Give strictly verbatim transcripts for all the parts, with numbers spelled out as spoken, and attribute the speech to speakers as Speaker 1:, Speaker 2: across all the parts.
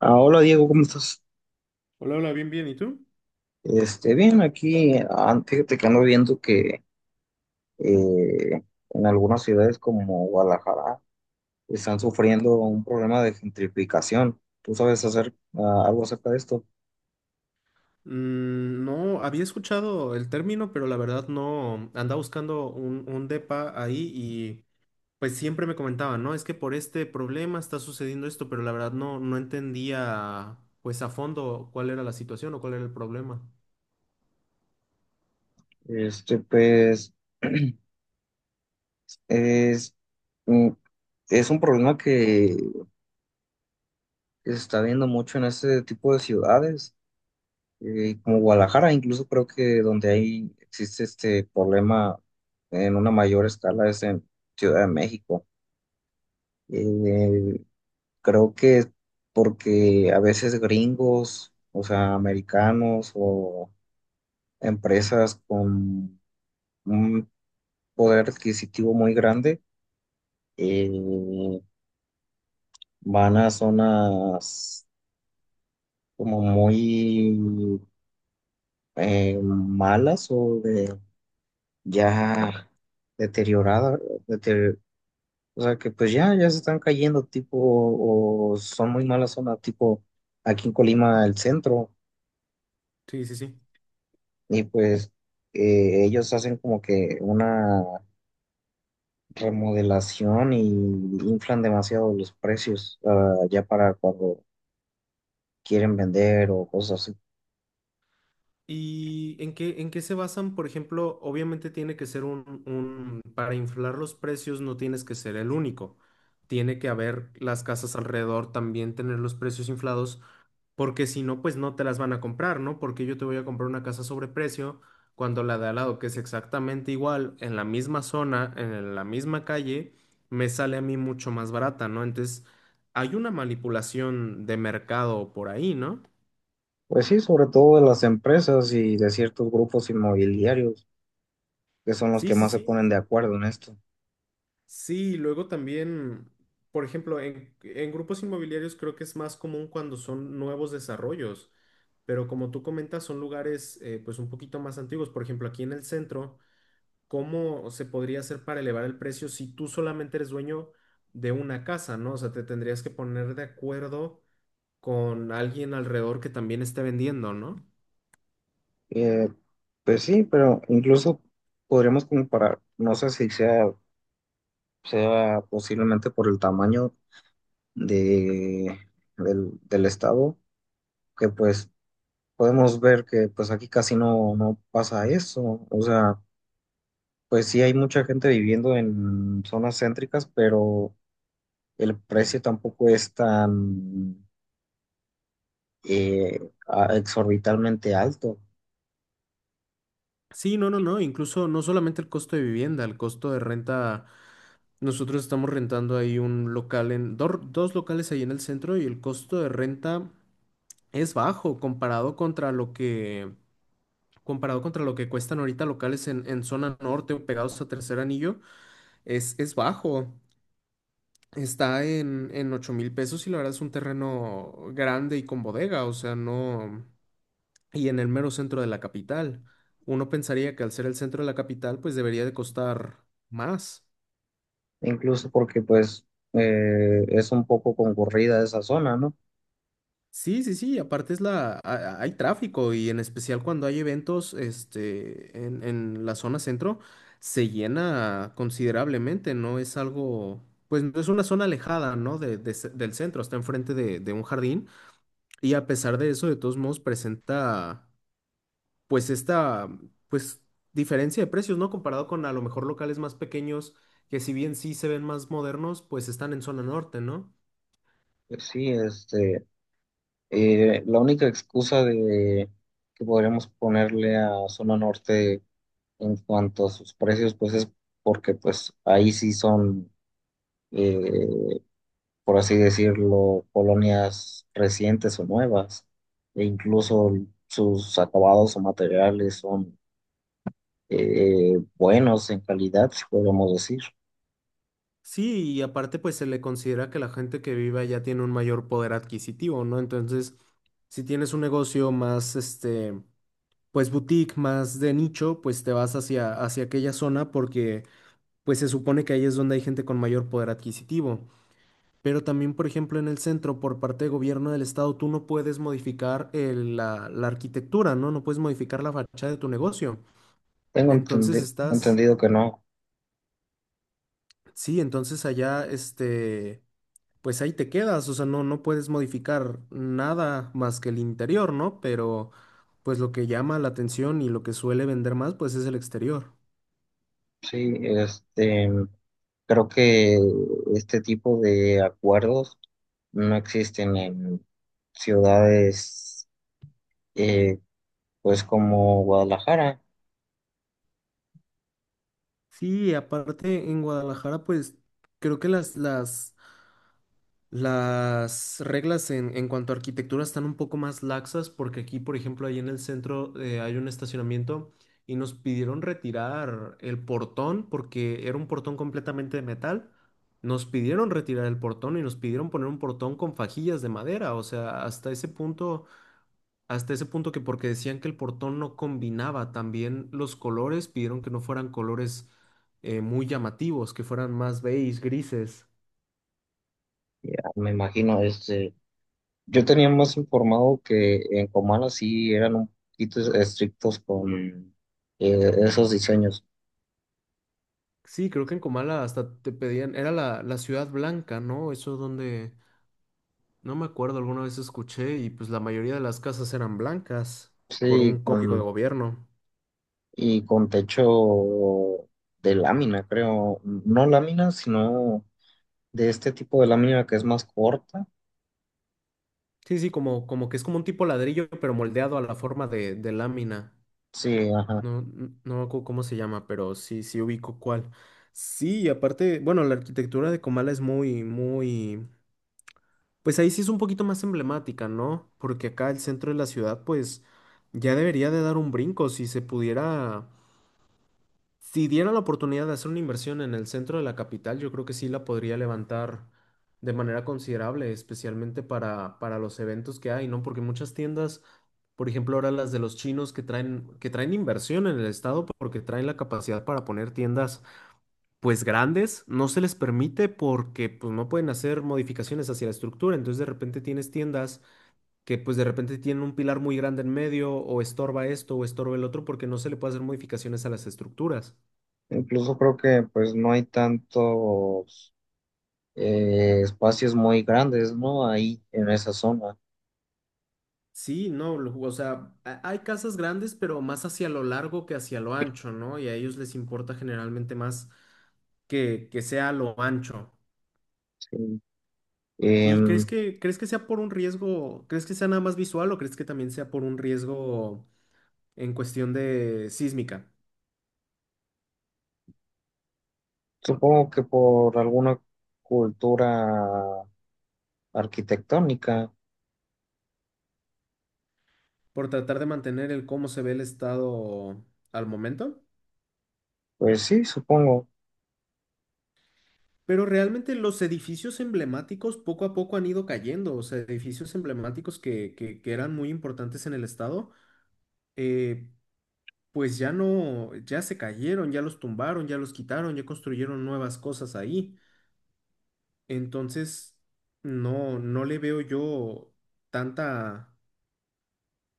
Speaker 1: Ah, hola Diego, ¿cómo estás?
Speaker 2: Hola, hola, bien, bien. ¿Y tú?
Speaker 1: Este, bien, aquí, ah, fíjate que ando viendo que eh, en algunas ciudades como Guadalajara están sufriendo un problema de gentrificación. ¿Tú sabes hacer ah, algo acerca de esto?
Speaker 2: Mm, no, había escuchado el término, pero la verdad no. Andaba buscando un, un depa ahí y pues siempre me comentaban, ¿no? Es que por este problema está sucediendo esto, pero la verdad no, no entendía pues a fondo cuál era la situación o cuál era el problema.
Speaker 1: Este, pues, es, mm, es un problema que se está viendo mucho en este tipo de ciudades, eh, como Guadalajara, incluso creo que donde hay, existe este problema en una mayor escala es en Ciudad de México. Eh, Creo que es porque a veces gringos, o sea, americanos o empresas con un poder adquisitivo muy grande, eh, van a zonas como muy eh, malas o de ya deterioradas, o sea, que pues ya, ya se están cayendo tipo o son muy malas zonas tipo aquí en Colima el centro.
Speaker 2: Sí, sí, sí.
Speaker 1: Y pues eh, ellos hacen como que una remodelación y inflan demasiado los precios ah, ya para cuando quieren vender o cosas así.
Speaker 2: ¿Y en qué, en qué se basan? Por ejemplo, obviamente tiene que ser un, un, para inflar los precios no tienes que ser el único. Tiene que haber las casas alrededor también tener los precios inflados porque si no, pues no te las van a comprar, ¿no? Porque yo te voy a comprar una casa sobre precio cuando la de al lado, que es exactamente igual, en la misma zona, en la misma calle, me sale a mí mucho más barata, ¿no? Entonces, hay una manipulación de mercado por ahí, ¿no?
Speaker 1: Pues sí, sobre todo de las empresas y de ciertos grupos inmobiliarios que son los que
Speaker 2: Sí, sí,
Speaker 1: más se
Speaker 2: sí.
Speaker 1: ponen de acuerdo en esto.
Speaker 2: Sí, luego también, por ejemplo, en, en grupos inmobiliarios creo que es más común cuando son nuevos desarrollos, pero como tú comentas, son lugares eh, pues un poquito más antiguos. Por ejemplo, aquí en el centro. ¿Cómo se podría hacer para elevar el precio si tú solamente eres dueño de una casa, ¿no? O sea, te tendrías que poner de acuerdo con alguien alrededor que también esté vendiendo, ¿no?
Speaker 1: Eh, pues sí, pero incluso podríamos comparar, no sé si sea, sea posiblemente por el tamaño de, del, del estado, que pues podemos ver que pues aquí casi no, no pasa eso. O sea, pues sí hay mucha gente viviendo en zonas céntricas, pero el precio tampoco es tan eh, a- exorbitalmente alto,
Speaker 2: Sí, no, no, no, incluso no solamente el costo de vivienda, el costo de renta. Nosotros estamos rentando ahí un local en, dor- dos locales ahí en el centro y el costo de renta es bajo comparado contra lo que, comparado contra lo que cuestan ahorita locales en, en zona norte o pegados a Tercer Anillo, es, es bajo. Está en, en ocho mil pesos y la verdad es un terreno grande y con bodega, o sea, no. Y en el mero centro de la capital. Uno pensaría que al ser el centro de la capital, pues debería de costar más.
Speaker 1: incluso porque pues eh, es un poco concurrida esa zona, ¿no?
Speaker 2: Sí, sí, sí, aparte es la... a- a- hay tráfico y en especial cuando hay eventos, este, en, en la zona centro, se llena considerablemente, ¿no? Es algo. Pues no es una zona alejada, ¿no? De, de ce- del centro, está enfrente de de un jardín. Y a pesar de eso, de todos modos, presenta, pues esta, pues diferencia de precios, ¿no? Comparado con a lo mejor locales más pequeños que si bien sí se ven más modernos, pues están en zona norte, ¿no?
Speaker 1: Pues sí, este, eh, la única excusa de que podríamos ponerle a zona norte en cuanto a sus precios, pues es porque pues ahí sí son eh, por así decirlo, colonias recientes o nuevas, e incluso sus acabados o materiales son eh, buenos en calidad, si podemos decir.
Speaker 2: Sí, y aparte pues se le considera que la gente que vive allá tiene un mayor poder adquisitivo, ¿no? Entonces, si tienes un negocio más, este, pues boutique, más de nicho, pues te vas hacia, hacia aquella zona porque pues se supone que ahí es donde hay gente con mayor poder adquisitivo. Pero también, por ejemplo, en el centro, por parte de gobierno del estado, tú no puedes modificar el- la, la arquitectura, ¿no? No puedes modificar la fachada de tu negocio.
Speaker 1: Tengo
Speaker 2: Entonces
Speaker 1: entendi-
Speaker 2: estás,
Speaker 1: entendido que no.
Speaker 2: sí, entonces allá, este, pues ahí te quedas, o sea, no, no, puedes modificar nada más que el interior, ¿no? Pero, pues lo que llama la atención y lo que suele vender más, pues es el exterior.
Speaker 1: Sí, este, creo que este tipo de acuerdos no existen en ciudades eh, pues como Guadalajara.
Speaker 2: Sí, aparte en Guadalajara, pues creo que las, las Las reglas en, en cuanto a arquitectura están un poco más laxas porque aquí, por ejemplo, ahí en el centro eh, hay un estacionamiento y nos pidieron retirar el portón porque era un portón completamente de metal. Nos pidieron retirar el portón y nos pidieron poner un portón con fajillas de madera. O sea, hasta ese punto, hasta ese punto, que porque decían que el portón no combinaba también los colores, pidieron que no fueran colores eh, muy llamativos, que fueran más beige, grises.
Speaker 1: Ya me imagino este yo tenía más informado que en Comala sí eran un poquito estrictos con eh, esos diseños.
Speaker 2: Sí, creo que en Comala hasta te pedían, era la, la Ciudad Blanca, ¿no? Eso donde, no me acuerdo, alguna vez escuché, y pues la mayoría de las casas eran blancas por
Speaker 1: Sí,
Speaker 2: un código de
Speaker 1: con,
Speaker 2: gobierno.
Speaker 1: y con techo de lámina, creo. No lámina, sino de este tipo de lámina que es más corta.
Speaker 2: Sí, sí, como, como que es como un tipo ladrillo, pero moldeado a la forma de, de lámina.
Speaker 1: Sí, ajá.
Speaker 2: No, n- no me acuerdo cómo se llama, pero sí, sí ubico cuál. Sí, y aparte, bueno, la arquitectura de Comala es muy, muy, pues ahí sí es un poquito más emblemática, ¿no? Porque acá el centro de la ciudad, pues ya debería de dar un brinco si se pudiera. Si diera la oportunidad de hacer una inversión en el centro de la capital, yo creo que sí la podría levantar de manera considerable, especialmente para, para los eventos que hay, ¿no? Porque muchas tiendas, por ejemplo, ahora las de los chinos que traen, que traen, inversión en el estado porque traen la capacidad para poner tiendas pues grandes, no se les permite porque pues no pueden hacer modificaciones hacia la estructura. Entonces de repente tienes tiendas que pues de repente tienen un pilar muy grande en medio o estorba esto o estorba el otro porque no se le puede hacer modificaciones a las estructuras.
Speaker 1: Incluso creo que pues no hay tantos eh, espacios muy grandes, ¿no? Ahí en esa zona.
Speaker 2: Sí, no, lo- o sea, ha- hay casas grandes, pero más hacia lo largo que hacia lo ancho, ¿no? Y a ellos les importa generalmente más que, que sea a lo ancho.
Speaker 1: Sí.
Speaker 2: ¿Y crees
Speaker 1: Em,
Speaker 2: que, crees que sea por un riesgo, crees que sea nada más visual o crees que también sea por un riesgo en cuestión de sísmica?
Speaker 1: Supongo que por alguna cultura arquitectónica.
Speaker 2: Por tratar de mantener el cómo se ve el estado al momento.
Speaker 1: Pues sí, supongo.
Speaker 2: Pero realmente los edificios emblemáticos poco a poco han ido cayendo, o sea, edificios emblemáticos que, que que eran muy importantes en el estado. eh, pues ya no, ya se cayeron, ya los tumbaron, ya los quitaron, ya construyeron nuevas cosas ahí. Entonces, no, no, le veo yo tanta,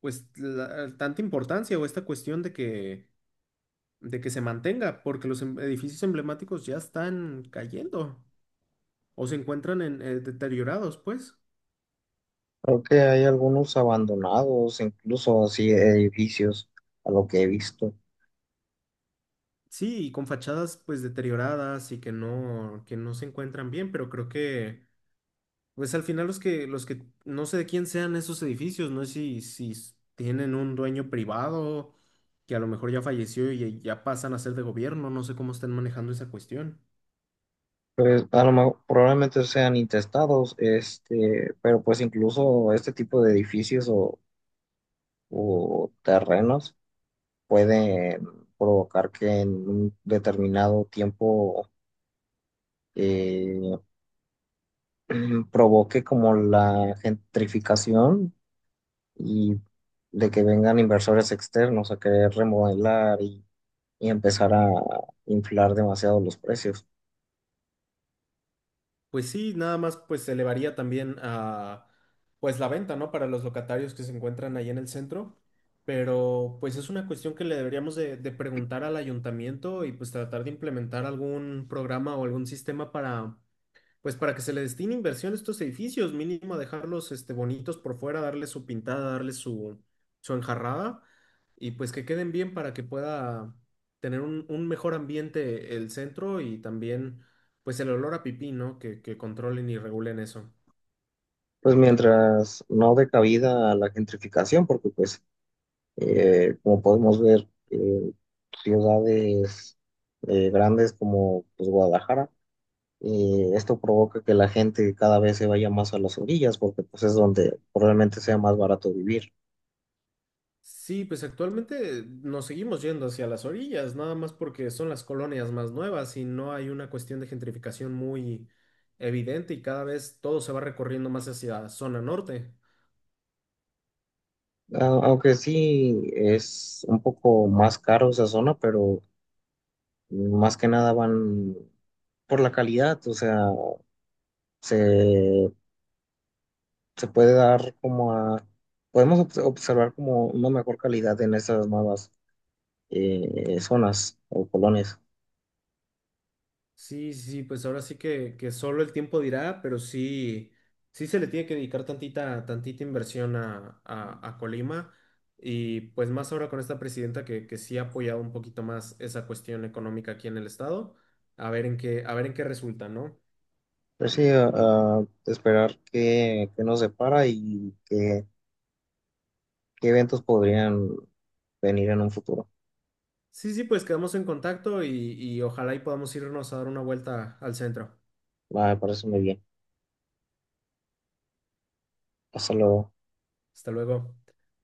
Speaker 2: pues, la- tanta importancia o esta cuestión de que, de que se mantenga, porque los em- edificios emblemáticos ya están cayendo o se encuentran en, eh, deteriorados, pues.
Speaker 1: Creo que hay algunos abandonados, incluso así edificios, a lo que he visto.
Speaker 2: Sí, y con fachadas pues deterioradas y que no, que no se encuentran bien, pero creo que, pues, al final los que, los que, no sé de quién sean esos edificios, no sé si, si s- tienen un dueño privado que a lo mejor ya falleció y ya pasan a ser de gobierno, no sé cómo están manejando esa cuestión.
Speaker 1: Pues a lo mejor probablemente sean intestados, este, pero pues incluso este tipo de edificios o, o terrenos pueden provocar que en un determinado tiempo eh, provoque como la gentrificación y de que vengan inversores externos a querer remodelar y y empezar a inflar demasiado los precios.
Speaker 2: Pues sí, nada más pues se elevaría también a, pues, la venta, ¿no? Para los locatarios que se encuentran ahí en el centro, pero pues es una cuestión que le deberíamos de, de preguntar al ayuntamiento y pues tratar de implementar algún programa o algún sistema para pues para que se le destine inversión a estos edificios, mínimo dejarlos, este, bonitos por fuera, darle su pintada, darle su, su enjarrada, y pues que queden bien para que pueda tener un, un mejor ambiente el centro y también pues el olor a pipí, ¿no? Que, que controlen y regulen eso.
Speaker 1: Pues mientras no dé cabida a la gentrificación, porque pues eh, como podemos ver, eh, ciudades eh, grandes como pues, Guadalajara, eh, esto provoca que la gente cada vez se vaya más a las orillas, porque pues es donde probablemente sea más barato vivir.
Speaker 2: Sí, pues actualmente nos seguimos yendo hacia las orillas, nada más porque son las colonias más nuevas y no hay una cuestión de gentrificación muy evidente y cada vez todo se va recorriendo más hacia zona norte.
Speaker 1: A- Aunque sí es un poco más caro esa zona, pero más que nada van por la calidad, o sea, se se puede dar como a, podemos obs- observar como una mejor calidad en esas nuevas eh, zonas o colonias.
Speaker 2: Sí, sí, sí, pues ahora sí que, que solo el tiempo dirá, pero sí, sí se le tiene que dedicar tantita, tantita inversión a, a, a Colima y pues más ahora con esta presidenta que, que sí ha apoyado un poquito más esa cuestión económica aquí en el estado, a ver en qué, a ver en qué resulta, ¿no?
Speaker 1: Pero sí, a- a esperar qué, qué nos depara y qué, qué eventos podrían venir en un futuro.
Speaker 2: Sí, sí, pues quedamos en contacto y, y ojalá y podamos irnos a dar una vuelta al centro.
Speaker 1: Me parece muy bien. Hasta luego.
Speaker 2: Hasta luego.